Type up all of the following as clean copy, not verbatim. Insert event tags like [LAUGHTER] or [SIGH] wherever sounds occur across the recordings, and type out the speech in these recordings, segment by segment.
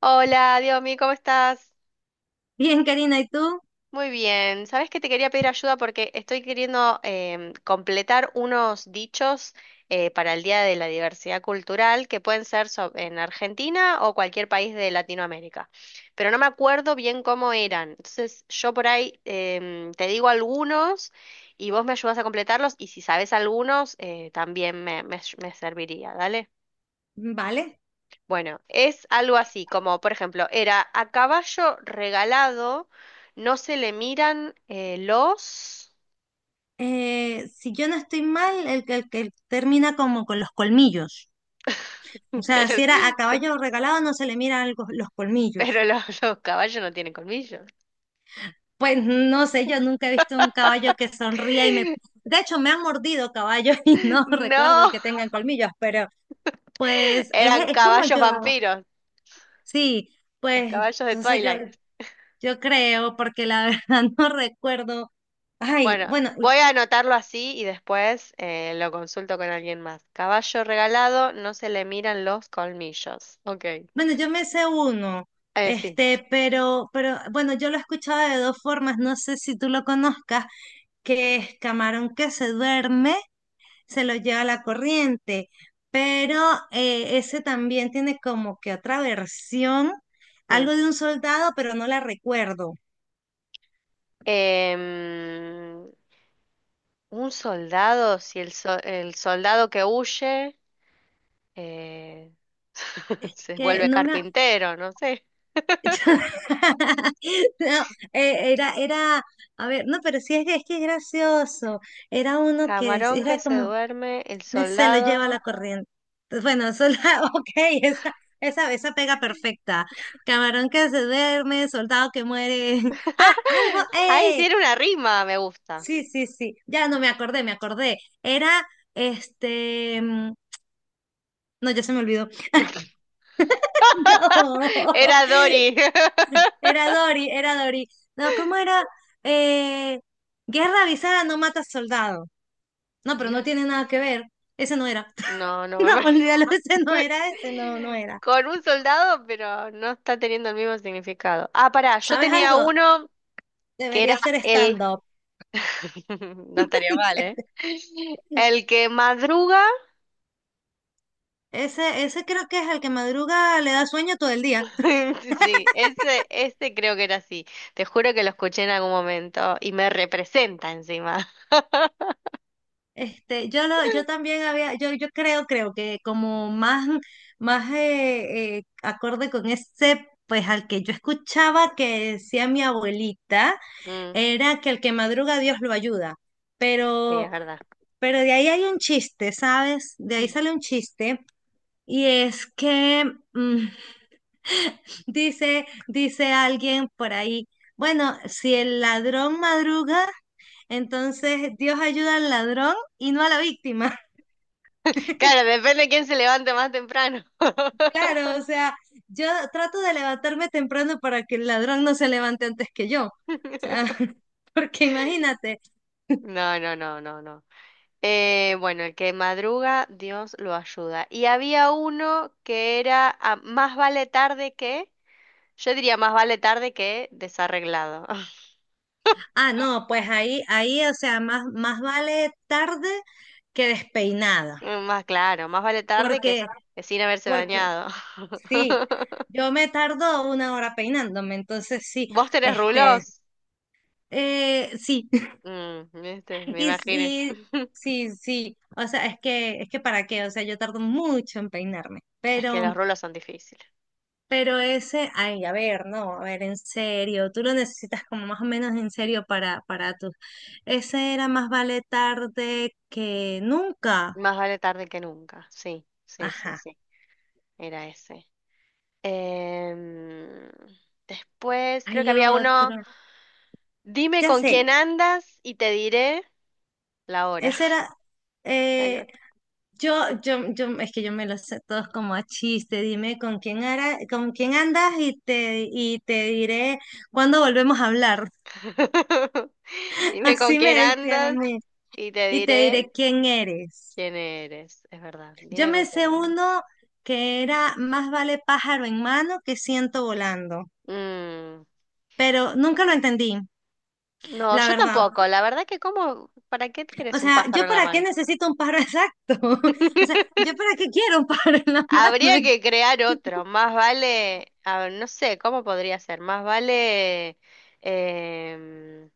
Hola, Diomi, ¿cómo estás? Bien, Karina, ¿y tú? Muy bien. Sabes que te quería pedir ayuda porque estoy queriendo completar unos dichos para el Día de la Diversidad Cultural que pueden ser en Argentina o cualquier país de Latinoamérica. Pero no me acuerdo bien cómo eran. Entonces, yo por ahí te digo algunos y vos me ayudas a completarlos, y si sabes algunos también me serviría. Dale. Vale. Bueno, es algo así, como por ejemplo, era: a caballo regalado, no se le miran los… Si yo no estoy mal, el que termina como con los colmillos. [LAUGHS] O sea, pero, si era a caballo regalado, no se le miran los colmillos. pero los caballos no tienen colmillos. Pues no sé, yo nunca he visto un caballo que sonría y me... De hecho, me han mordido caballos [LAUGHS] y no recuerdo No, que tengan colmillos, pero pues eran es como caballos yo. vampiros, Sí, los pues caballos de entonces Twilight. yo creo, porque la [LAUGHS] verdad no recuerdo. Ay, Bueno, bueno, voy a anotarlo así y después lo consulto con alguien más. Caballo regalado, no se le miran los colmillos. Ok. Bueno, yo me sé uno, sí. este, pero bueno, yo lo he escuchado de dos formas, no sé si tú lo conozcas, que es camarón que se duerme, se lo lleva la corriente, pero ese también tiene como que otra versión, Mm. algo de un soldado, pero no la recuerdo, Em, un soldado, si el soldado que huye, eh, [LAUGHS] se que vuelve no me... carpintero, no sé. [LAUGHS] yo- [LAUGHS] No, era, a ver, no, pero sí es, que es gracioso, era uno Camarón que era se como... duerme, el se lo lleva la soldado. corriente. Entonces, bueno, [LAUGHS] eso es la, [LAUGHS] ok, esa, esa pega perfecta. Camarón que se duerme, soldado que muere. [LAUGHS] Ah, algo, [LAUGHS] Ay, eh. tiene una rima, me gusta. Sí, sí, sí. Ya no me acordé, me acordé. Era, este, mm, no, ya se me olvidó. [LAUGHS] No, [LAUGHS] Era Dory. [LAUGHS] era Dory, era Dory. No, ¿cómo era? Eh, guerra avisada no mata soldado. No, pero no Gran- tiene nada que ver. Ese no era. [LAUGHS] No, no No, me… olvídalo, ese no era, ese no, no [LAUGHS] era. Con un soldado, pero no está teniendo el mismo significado. Ah, pará, yo ¿Sabes tenía algo? uno que era Debería ser el… stand-up. [LAUGHS] No estaría [LAUGHS] mal, ¿eh? El que madruga… Ese creo que es el que madruga, le da sueño todo el día. [LAUGHS] Sí, ese creo que era así. Te juro que lo escuché en algún momento y me representa encima. [LAUGHS] Este, yo también había, yo creo, creo que como más, más acorde con ese, pues al que yo escuchaba que decía mi abuelita, Mm, era que el que madruga Dios lo ayuda. sí, es Pero, verdad. pero de ahí hay un chiste, ¿sabes? De ahí sale un [LAUGHS] chiste. Y es que mm, dice alguien por ahí, bueno, si el ladrón madruga, entonces Dios ayuda al ladrón y no a la víctima. [LAUGHS] Claro, depende de quién se levante más temprano. Claro, o sea, yo trato de levantarme temprano para que el ladrón no se levante antes que yo. O sea, [LAUGHS] [LAUGHS] porque imagínate, No, no, no, no, no. Bueno, el que madruga, Dios lo ayuda. Y había uno que era, ah, más vale tarde que… yo diría más vale tarde que desarreglado. [LAUGHS] ah, no, pues o sea, más vale tarde que despeinada. Más claro, más vale tarde que, Porque, que sin haberse porque bañado. [LAUGHS] sí, yo me tardo una hora peinándome, entonces sí, ¿Vos tenés este, rulos? Sí, Mm, viste, me y imaginé. sí, [LAUGHS] sí, sí, o sea, es que para qué, o sea, yo tardo mucho en peinarme, Es que los rulos son difíciles. pero ese, ay, a ver, no, a ver, en serio, tú lo necesitas como más o menos en serio para tus, ese era más vale tarde que nunca, Más vale tarde que nunca. Sí, sí, sí, ajá, sí. Era ese. Em, después creo que hay había otro, uno. Dime ya con sé, quién andas y te diré la hora. ese [LAUGHS] era, Nada que eh, ver. Yo, es que yo me los sé todos como a chiste, dime con quién andas y y te diré cuándo volvemos a hablar. [LAUGHS] Dime con Así me quién decían a andas mí. y te Y te diré diré quién eres. quién eres. Es verdad. Yo Dime con me quién sé andas. uno que era más vale pájaro en mano que ciento volando, Mm. pero nunca lo entendí, No, la yo verdad. tampoco. La verdad que, como, ¿para qué O quieres un sea, pájaro ¿yo en la para qué mano? necesito un pájaro [LAUGHS] exacto? O sea, ¿yo para qué quiero un pájaro en la Habría mano? que crear otro: más vale, a no sé, ¿cómo podría ser? Más vale, em,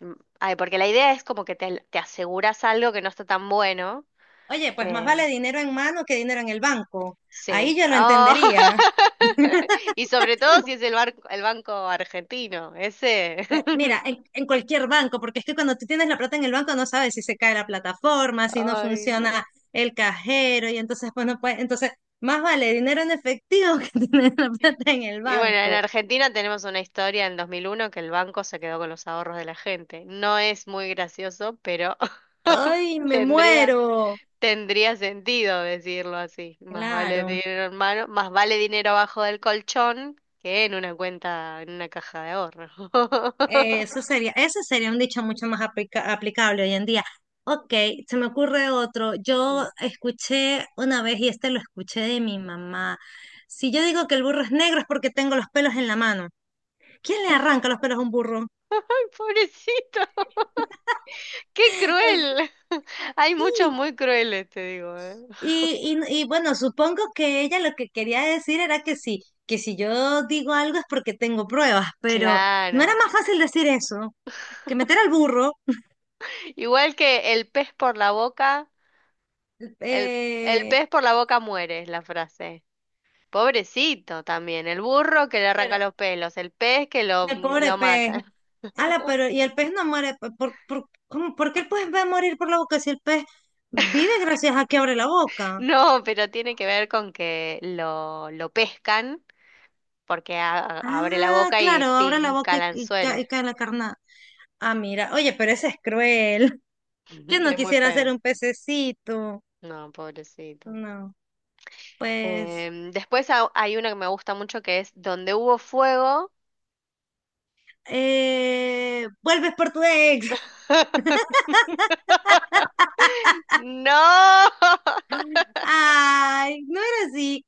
ay, porque la idea es como que te aseguras algo que no está tan bueno. Oye, pues más eh, vale dinero en mano que dinero en el banco. sí. Ahí yo lo Oh. entendería. [LAUGHS] Y sobre todo si es el barco, el banco argentino, ese. Mira, [LAUGHS] en cualquier banco, porque es que cuando tú tienes la plata en el banco no sabes si se cae la plataforma, si no Ay, no. funciona el cajero, y entonces bueno, pues no puedes, entonces más vale dinero en efectivo [LAUGHS] que tener la plata en el Y bueno, en banco. Argentina tenemos una historia en 2001 que el banco se quedó con los ahorros de la gente. No es muy gracioso, pero [LAUGHS] ¡Ay, me tendría… muero! Tendría sentido decirlo así. Más vale Claro, dinero en mano, más vale dinero abajo del colchón que en una cuenta, en una caja de ahorro. [LAUGHS] Eso sería, ese sería un dicho mucho más aplicable hoy en día. Ok, se me ocurre otro. Yo Mm. escuché una vez, y este lo escuché de mi mamá. Si yo digo que el burro es negro es porque tengo los pelos en la mano. ¿Quién le arranca los pelos a un burro? Pobrecito, qué Así. cruel. [LAUGHS] Hay Y, muchos muy crueles, te digo, ¿eh? Y bueno, supongo que ella lo que quería decir era que sí, que si yo digo algo es porque tengo pruebas, pero no era Claro. más fácil decir eso que meter al burro. Igual que el pez por la boca, el, el Eh, pez por la boca muere, es la frase. Pobrecito también, el burro que le arranca pero los pelos, el pez que lo, el pobre lo pez. mata. Ala, pero y el pez no muere. ¿ Por qué el pez va a morir por la boca si el pez vive gracias a que abre la boca? No, pero tiene que ver con que lo pescan porque abre la Ah, boca y claro, abre la pica boca el anzuelo. y cae la carnada. Ah, mira, oye, pero ese es cruel. Yo [LAUGHS] no Es muy quisiera ser feo. un pececito. No, pobrecito. No, pues. Después hay una que me gusta mucho, que es: donde hubo fuego… Eh, vuelves por tu ex. [LAUGHS] [LAUGHS] No. Ay, no era así.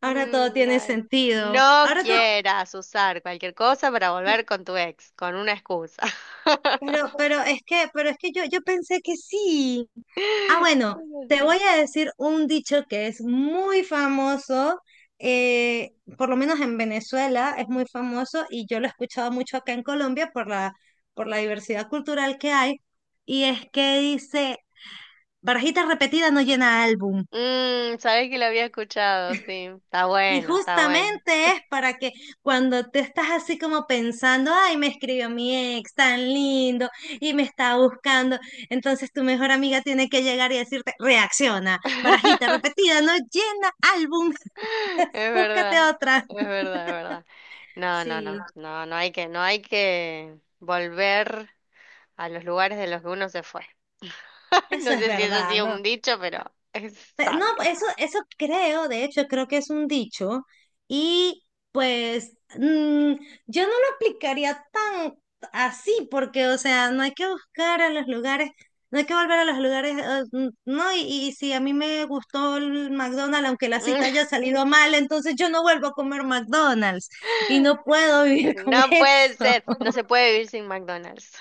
Ahora todo Mm, tiene no, sentido. no Ahora todo. quieras usar cualquier cosa para volver con tu ex, con una excusa. [LAUGHS] Pero, pero es que yo pensé que sí. Ah, bueno, Es te así. voy a decir un dicho que es muy famoso. Eh, por lo menos en Venezuela es muy famoso y yo lo he escuchado mucho acá en Colombia por la diversidad cultural que hay. Y es que dice. Barajita repetida no llena álbum. Mm, sabes que lo había escuchado, sí. Está Y bueno, está bueno. justamente es para que cuando te estás así como pensando, ay, me escribió mi ex tan lindo y me está buscando, entonces tu mejor amiga tiene que llegar y decirte, reacciona, barajita [LAUGHS] repetida no llena álbum, Es [LAUGHS] búscate verdad, otra. es verdad, es verdad. No, no, Sí, no, no, no hay que, no hay que volver a los lugares de los que uno se fue. [LAUGHS] eso No es sé si eso ha verdad, sido ¿no? un dicho, pero es No, sabio. eso creo, de hecho, creo que es un dicho. Y pues mm, yo no lo aplicaría tan así, porque, o sea, no hay que buscar a los lugares, no hay que volver a los lugares, mm, no, y si a mí me gustó el McDonald's, aunque la cita haya [LAUGHS] salido mal, entonces yo no vuelvo a comer McDonald's y no puedo [LAUGHS] vivir con No puede eso. ser, no se puede vivir sin McDonald's,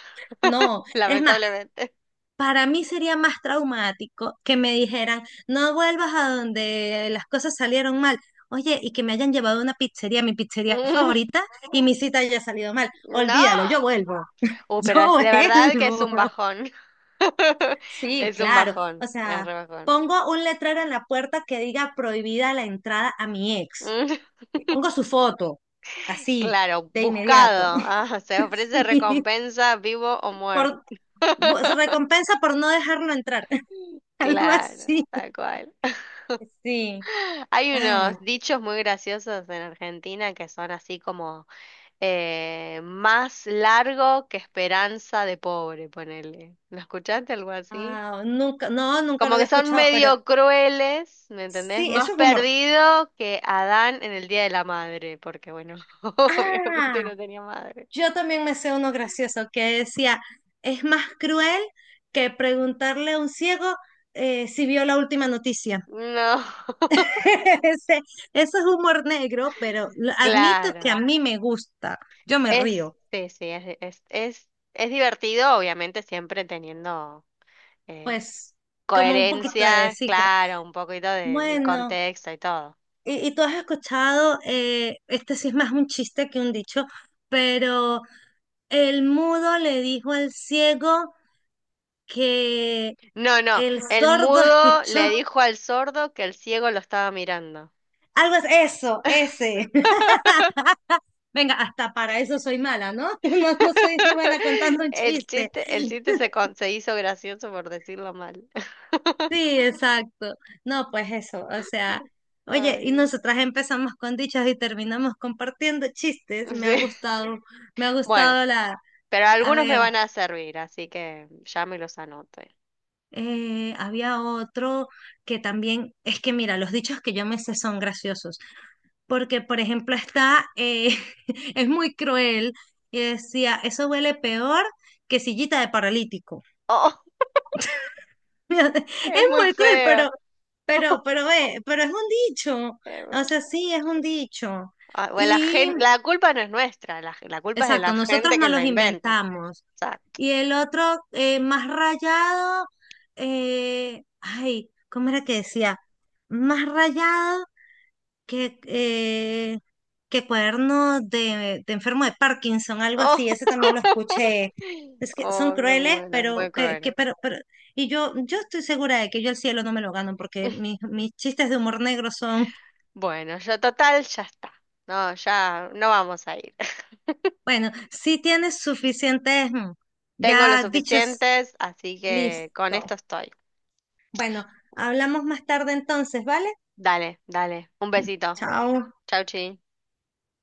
No, [LAUGHS] es más, lamentablemente. para mí sería más traumático que me dijeran, no vuelvas a donde las cosas salieron mal. Oye, y que me hayan llevado a una pizzería, mi pizzería favorita, [LAUGHS] y mi cita haya salido mal. No. Olvídalo, yo vuelvo. [LAUGHS] Yo Pero es de verdad que es vuelvo. un bajón. [LAUGHS] Sí, Es un claro. bajón, O es sea, re bajón. pongo un letrero en la puerta que diga prohibida la entrada a mi ex. Mm. [LAUGHS] Y pongo su foto, así, Claro, de inmediato. buscado. Ah, se [LAUGHS] ofrece Sí. recompensa vivo o Por, muerto. Recompensa por no dejarlo entrar. [LAUGHS] Algo Claro, así. tal cual. Sí. [LAUGHS] Hay Ay, unos dichos muy graciosos en Argentina, que son así como más largo que esperanza de pobre, ponele. ¿Lo escuchaste algo así? ah, nunca, no, nunca lo Como que había son escuchado, pero medio crueles, ¿me entendés? sí, Más eso es humor. perdido que Adán en el Día de la Madre, porque bueno, [LAUGHS] Ah, obviamente no tenía madre. yo también me sé uno gracioso que decía, es más cruel que preguntarle a un ciego si vio la última noticia. No, [LAUGHS] [LAUGHS] Ese, eso es humor negro, pero lo admito que a claro. mí me gusta, yo me Es, río, sí, sí, es divertido, obviamente, siempre teniendo eh, pues como un poquito de coherencia, sí. Claro. claro, un poquito del Bueno. contexto y todo. Y tú has escuchado, este sí es más un chiste que un dicho, pero el mudo le dijo al ciego que No, no, el el sordo mudo le escuchó dijo al sordo que el ciego lo estaba mirando. algo, ese. [LAUGHS] [LAUGHS] Venga, hasta para eso soy mala, ¿no? [LAUGHS] No, no soy ni buena [LAUGHS] contando un chiste. El chiste se, se hizo gracioso por decirlo mal. Sí, exacto. No, pues eso, o sea, [LAUGHS] oye, y Ay, nosotras empezamos con dichos y terminamos compartiendo chistes. Sí. Me ha Bueno, gustado la, pero a algunos me ver. van a servir, así que ya me los anoto. [LAUGHS] Había otro que también, es que mira, los dichos que yo me sé son graciosos, porque por ejemplo está, [LAUGHS] es muy cruel, y decía, eso huele peor que sillita de paralítico. Oh, [LAUGHS] Es es muy muy cruel, feo. pero, pero, ve, pero es un dicho, o Bueno, sea, sí, es un dicho. ah, bueno, Y, la culpa no es nuestra, la culpa es de la exacto, nosotros gente que no la los inventa. O inventamos. sea, Y el otro, más rayado, ay, ¿cómo era que decía? Más rayado que, eh, que cuaderno de enfermo de Parkinson, algo oh. así, ese también lo [LAUGHS] escuché. Es que son Oh, me crueles, muero, es pero muy que, cruel. Pero, y yo estoy segura de que yo el cielo no me lo gano, porque mis chistes de humor negro son, [LAUGHS] Bueno, yo total, ya está. No, ya no vamos a ir. bueno, sí tienes suficientes, mm, Tengo los ya dichos, suficientes, así que con esto listo. estoy. Bueno, hablamos más tarde entonces, ¿vale? Dale, dale. Un besito. Chao. Chau, chi.